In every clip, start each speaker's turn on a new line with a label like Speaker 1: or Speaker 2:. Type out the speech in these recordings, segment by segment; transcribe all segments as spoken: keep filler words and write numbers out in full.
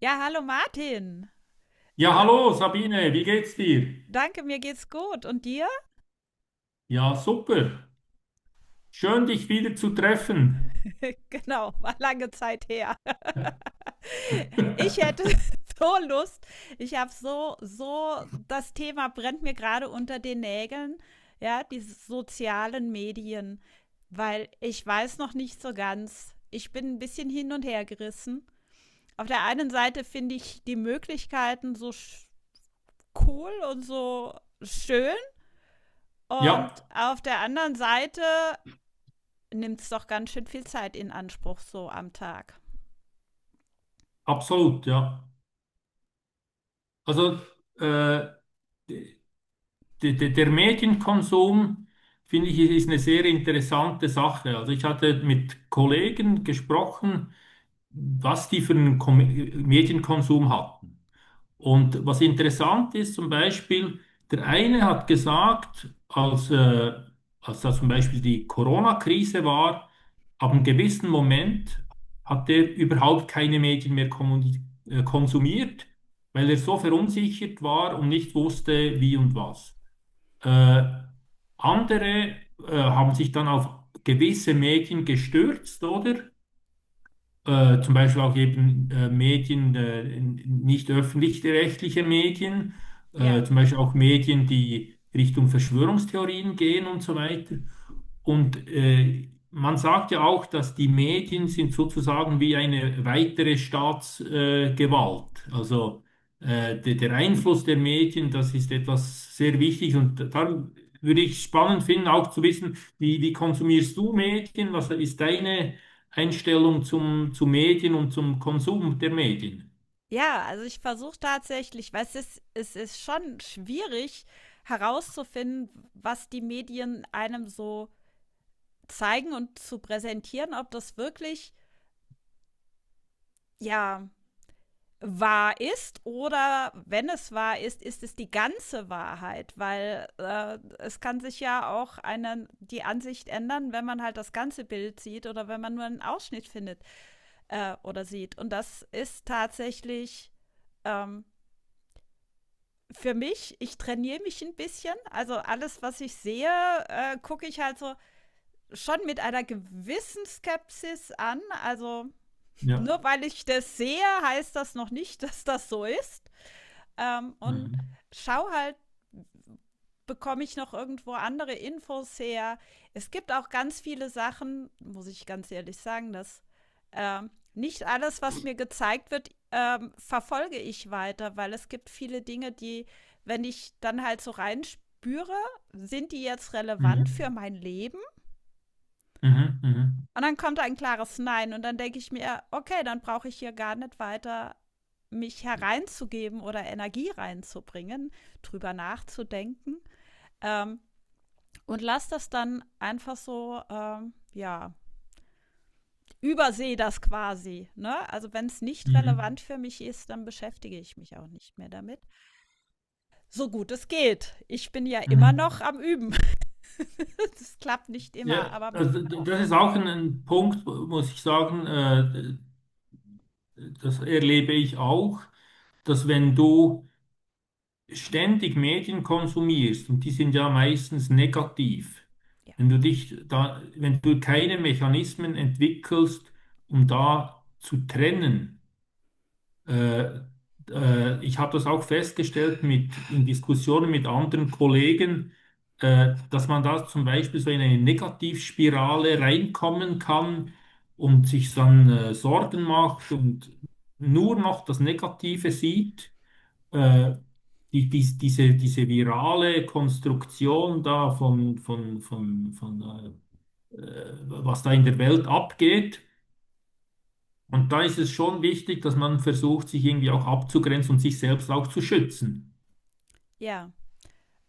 Speaker 1: Ja, hallo Martin.
Speaker 2: Ja,
Speaker 1: La
Speaker 2: hallo Sabine, wie geht's dir?
Speaker 1: Danke, mir geht's gut. Und dir?
Speaker 2: Ja, super. Schön, dich wieder zu treffen.
Speaker 1: Genau, war lange Zeit her. Ich hätte so Lust. Ich habe so, so, das Thema brennt mir gerade unter den Nägeln. Ja, die sozialen Medien. Weil ich weiß noch nicht so ganz. Ich bin ein bisschen hin und her gerissen. Auf der einen Seite finde ich die Möglichkeiten so sch- cool und so schön. Und
Speaker 2: Ja,
Speaker 1: auf der anderen Seite nimmt es doch ganz schön viel Zeit in Anspruch so am Tag.
Speaker 2: absolut, ja. Also äh, d- d- der Medienkonsum, finde ich, ist eine sehr interessante Sache. Also ich hatte mit Kollegen gesprochen, was die für einen Kom Medienkonsum hatten. Und was interessant ist, zum Beispiel, der eine hat gesagt, als, äh, als da zum Beispiel die Corona-Krise war, ab einem gewissen Moment hat er überhaupt keine Medien mehr kommuni- äh, konsumiert, weil er so verunsichert war und nicht wusste, wie und was. Äh, Andere äh, haben sich dann auf gewisse Medien gestürzt, oder? Äh, zum Beispiel auch eben äh, Medien, äh, in- nicht öffentlich-rechtliche Medien, äh,
Speaker 1: Ja.
Speaker 2: zum Beispiel auch Medien, die Richtung Verschwörungstheorien gehen und so weiter. Und äh, man sagt ja auch, dass die Medien sind sozusagen wie eine weitere Staatsgewalt. Äh, Gewalt. also äh, de, der Einfluss der Medien, das ist etwas sehr Wichtiges. Und da würde ich spannend finden, auch zu wissen, wie, wie konsumierst du Medien? Was ist deine Einstellung zum, zu Medien und zum Konsum der Medien?
Speaker 1: Ja, also ich versuche tatsächlich, weil es ist, es ist schon schwierig herauszufinden, was die Medien einem so zeigen und zu präsentieren, ob das wirklich, ja, wahr ist, oder wenn es wahr ist, ist es die ganze Wahrheit, weil äh, es kann sich ja auch eine, die Ansicht ändern, wenn man halt das ganze Bild sieht oder wenn man nur einen Ausschnitt findet äh, oder sieht. Und das ist tatsächlich ähm, für mich, ich trainiere mich ein bisschen. Also alles, was ich sehe, äh, gucke ich halt so schon mit einer gewissen Skepsis an. Also
Speaker 2: Ja.
Speaker 1: nur weil ich das sehe, heißt das noch nicht, dass das so ist. Ähm, und
Speaker 2: Mhm.
Speaker 1: schau halt bekomme ich noch irgendwo andere Infos her. Es gibt auch ganz viele Sachen, muss ich ganz ehrlich sagen, dass ähm, nicht alles, was mir gezeigt wird, ähm, verfolge ich weiter, weil es gibt viele Dinge, die, wenn ich dann halt so reinspüre, sind die jetzt relevant für
Speaker 2: Mhm.
Speaker 1: mein Leben?
Speaker 2: Mhm. Mhm.
Speaker 1: Und dann kommt ein klares Nein und dann denke ich mir, okay, dann brauche ich hier gar nicht weiter mich hereinzugeben oder Energie reinzubringen, drüber nachzudenken. Ähm, und lass das dann einfach so, ähm, ja, übersehe das quasi. Ne? Also wenn es nicht
Speaker 2: Mhm.
Speaker 1: relevant für mich ist, dann beschäftige ich mich auch nicht mehr damit. So gut es geht. Ich bin ja immer
Speaker 2: Mhm.
Speaker 1: noch am Üben. Das klappt nicht immer,
Speaker 2: Ja,
Speaker 1: aber
Speaker 2: also d- das
Speaker 1: oft.
Speaker 2: ist auch ein, ein Punkt, wo- muss ich sagen, äh, das erlebe ich auch, dass wenn du ständig Medien konsumierst, und die sind ja meistens negativ,
Speaker 1: Ja.
Speaker 2: wenn du dich da, wenn du keine Mechanismen entwickelst, um da zu trennen, äh, äh, ich habe das auch festgestellt mit, in Diskussionen mit anderen Kollegen, äh, dass man da zum Beispiel so in eine Negativspirale reinkommen kann und sich dann äh, Sorgen macht und nur noch das Negative sieht. Äh, die, dies- diese, diese virale Konstruktion da von, von, von, von äh, äh, was da in der Welt abgeht. Und da ist es schon wichtig, dass man versucht, sich irgendwie auch abzugrenzen und sich selbst auch zu schützen.
Speaker 1: Ja.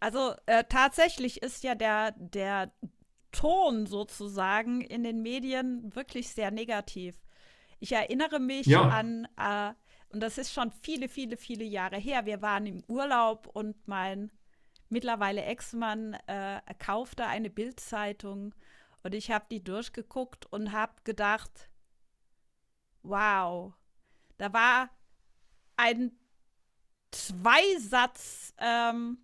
Speaker 1: Also äh, tatsächlich ist ja der, der Ton sozusagen in den Medien wirklich sehr negativ. Ich erinnere mich
Speaker 2: Ja,
Speaker 1: an, äh, und das ist schon viele, viele, viele Jahre her, wir waren im Urlaub und mein mittlerweile Ex-Mann äh, kaufte eine Bildzeitung und ich habe die durchgeguckt und habe gedacht, wow, da war ein Zweisatz, ähm,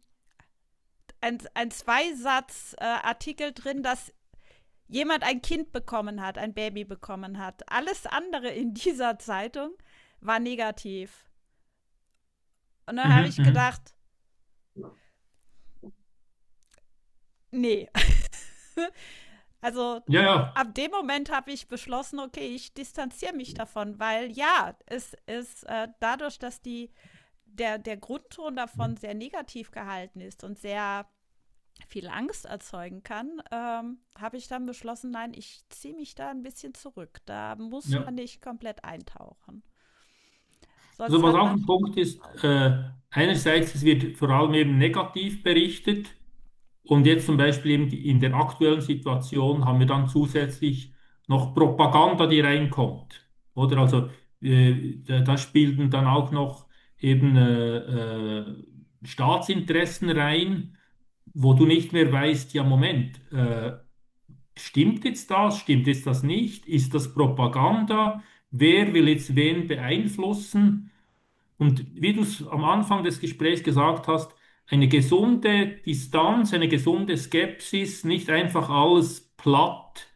Speaker 1: ein, ein Zweisatz-Artikel äh, drin, dass jemand ein Kind bekommen hat, ein Baby bekommen hat. Alles andere in dieser Zeitung war negativ. Und dann habe
Speaker 2: mhm,
Speaker 1: ich
Speaker 2: mhm.
Speaker 1: gedacht, nee, also
Speaker 2: Ja, ja,
Speaker 1: ab dem Moment habe ich beschlossen, okay, ich distanziere mich davon, weil ja, es ist äh, dadurch, dass die, der, der Grundton davon sehr negativ gehalten ist und sehr viel Angst erzeugen kann, ähm, habe ich dann beschlossen, nein, ich ziehe mich da ein bisschen zurück. Da muss
Speaker 2: ja.
Speaker 1: man nicht komplett eintauchen.
Speaker 2: Also
Speaker 1: Sonst
Speaker 2: was
Speaker 1: hat
Speaker 2: auch
Speaker 1: man
Speaker 2: ein Punkt
Speaker 1: schlechte
Speaker 2: ist,
Speaker 1: Laune.
Speaker 2: äh, einerseits, es wird vor allem eben negativ berichtet, und jetzt zum Beispiel eben die, in der aktuellen Situation haben wir dann zusätzlich noch Propaganda, die reinkommt. Oder also äh, da, da spielten dann auch noch eben äh, äh, Staatsinteressen rein, wo du nicht mehr weißt, ja Moment, äh, stimmt jetzt das, stimmt jetzt das nicht, ist das Propaganda, wer will jetzt wen beeinflussen? Und wie du es am Anfang des Gesprächs gesagt hast, eine gesunde Distanz, eine gesunde Skepsis, nicht einfach alles platt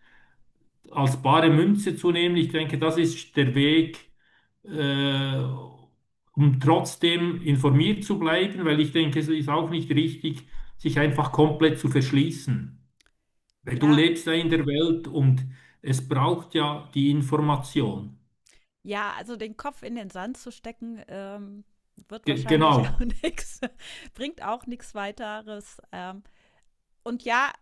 Speaker 2: als bare Münze zu nehmen. Ich denke, das ist der Weg, äh, um trotzdem informiert zu bleiben, weil ich denke, es ist auch nicht richtig, sich einfach komplett zu verschließen. Weil Du
Speaker 1: Ja,
Speaker 2: lebst ja in der Welt und es braucht ja die Information.
Speaker 1: ja, also den Kopf in den Sand zu stecken, ähm, wird
Speaker 2: Ge
Speaker 1: wahrscheinlich auch
Speaker 2: genau.
Speaker 1: nichts, bringt auch nichts weiteres. Ähm, und ja,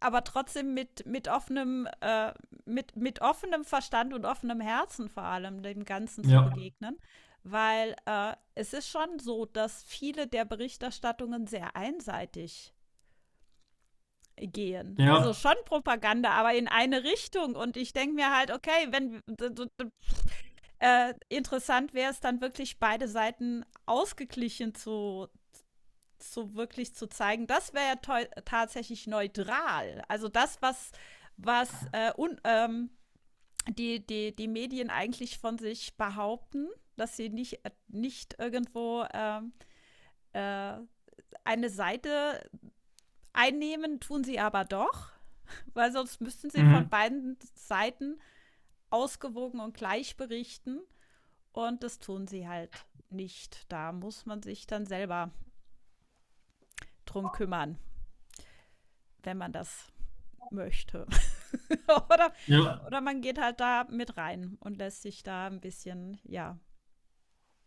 Speaker 1: aber trotzdem mit, mit offenem, äh, mit, mit offenem Verstand und offenem Herzen vor allem dem Ganzen zu
Speaker 2: Ja,
Speaker 1: begegnen. Weil äh, es ist schon so, dass viele der Berichterstattungen sehr einseitig gehen. Also
Speaker 2: ja,
Speaker 1: schon Propaganda, aber in eine Richtung. Und ich denke mir halt, okay, wenn äh, interessant wäre es dann wirklich, beide Seiten ausgeglichen zu, zu wirklich zu zeigen. Das wäre ja teu- tatsächlich neutral. Also das, was, was äh, un, ähm, die, die, die Medien eigentlich von sich behaupten, dass sie nicht, äh, nicht irgendwo ähm, äh, eine Seite einnehmen, tun sie aber doch, weil sonst müssten sie von
Speaker 2: mhm.
Speaker 1: beiden Seiten ausgewogen und gleich berichten. Und das tun sie halt nicht. Da muss man sich dann selber drum kümmern, wenn man das möchte. oder,
Speaker 2: Ja.
Speaker 1: oder man geht halt da mit rein und lässt sich da ein bisschen, ja,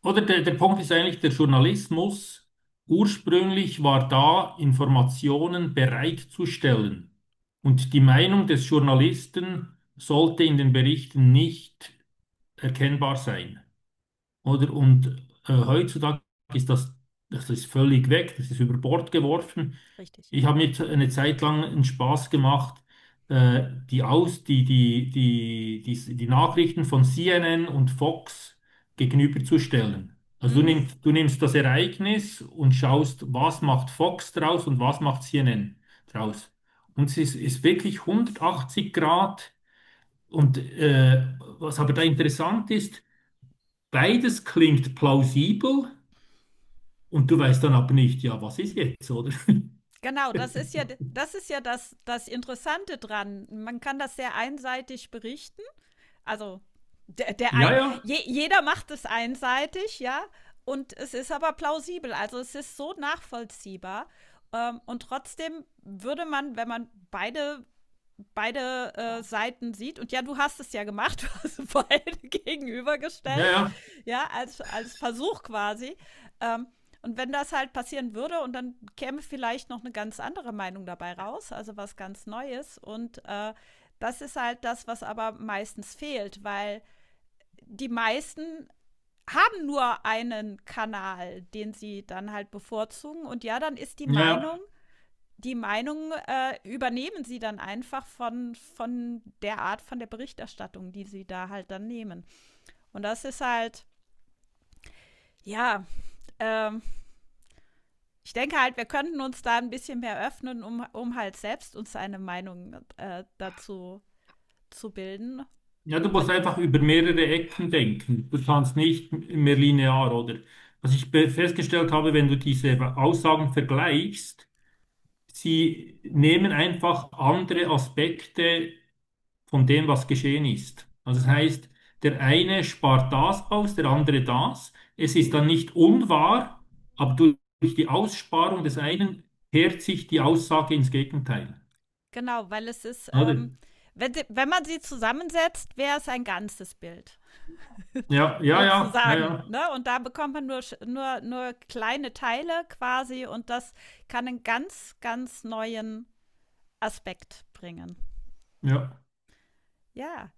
Speaker 2: Oder der, der Punkt ist eigentlich, der Journalismus ursprünglich war da, Informationen bereitzustellen. Und die Meinung des Journalisten sollte in den Berichten nicht erkennbar sein. Oder? Und äh, heutzutage ist das, das ist völlig weg, das ist über Bord geworfen.
Speaker 1: richtig.
Speaker 2: Ich habe mir eine Zeit lang einen Spaß gemacht, äh, die Aus, die, die, die, die, die Nachrichten von C N N und Fox gegenüberzustellen. Also du
Speaker 1: Mhm.
Speaker 2: nimmst, du nimmst das Ereignis und schaust, was macht Fox draus und was macht C N N draus. Und es ist, ist wirklich hundertachtzig Grad. Und äh, was aber da interessant ist, beides klingt plausibel und du weißt dann aber nicht, ja, was ist jetzt, oder?
Speaker 1: Genau, das ist ja das ist ja das, das Interessante dran. Man kann das sehr einseitig berichten. Also der, der
Speaker 2: Ja, ja,
Speaker 1: je, jeder macht es einseitig, ja. Und es ist aber plausibel. Also es ist so nachvollziehbar. Ähm, und trotzdem würde man, wenn man beide beide äh, Seiten sieht. Und ja, du hast es ja gemacht, du hast beide
Speaker 2: ja,
Speaker 1: gegenübergestellt,
Speaker 2: ja,
Speaker 1: ja, als, als Versuch quasi. Ähm, und wenn das halt passieren würde und dann käme vielleicht noch eine ganz andere Meinung dabei raus, also was ganz Neues. Und äh, das ist halt das, was aber meistens fehlt, weil die meisten haben nur einen Kanal, den sie dann halt bevorzugen. Und ja, dann ist die
Speaker 2: ja.
Speaker 1: Meinung die Meinung äh, übernehmen sie dann einfach von, von der Art von der Berichterstattung, die sie da halt dann nehmen. Und das ist halt, ja, ähm, ich denke halt, wir könnten uns da ein bisschen mehr öffnen, um, um halt selbst uns eine Meinung äh, dazu zu bilden.
Speaker 2: Ja, du
Speaker 1: Über,
Speaker 2: musst einfach über mehrere Ecken denken. Du kannst nicht mehr linear, oder? Was ich be- festgestellt habe, wenn du diese Aussagen vergleichst, sie nehmen einfach andere Aspekte von dem, was geschehen ist. Also das heißt, der eine spart das aus, der andere das. Es ist dann nicht unwahr, aber durch die Aussparung des einen kehrt sich die Aussage ins Gegenteil.
Speaker 1: genau, weil es ist, ähm,
Speaker 2: Oder?
Speaker 1: wenn, wenn man sie zusammensetzt, wäre es ein ganzes Bild.
Speaker 2: Ja, ja, ja, ja,
Speaker 1: Sozusagen.
Speaker 2: ja,
Speaker 1: Ne? Und da bekommt man nur, nur, nur kleine Teile quasi und das kann einen ganz, ganz neuen Aspekt bringen.
Speaker 2: ja.
Speaker 1: Ja.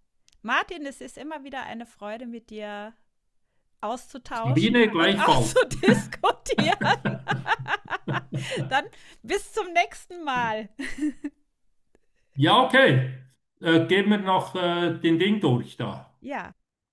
Speaker 1: Martin, es ist immer wieder eine Freude, mit dir auszutauschen
Speaker 2: Sabine
Speaker 1: und
Speaker 2: gleichfalls.
Speaker 1: auszudiskutieren. Dann bis zum nächsten Mal.
Speaker 2: Ja, okay. Äh, gehen wir noch äh, den Ding durch da.
Speaker 1: Ja.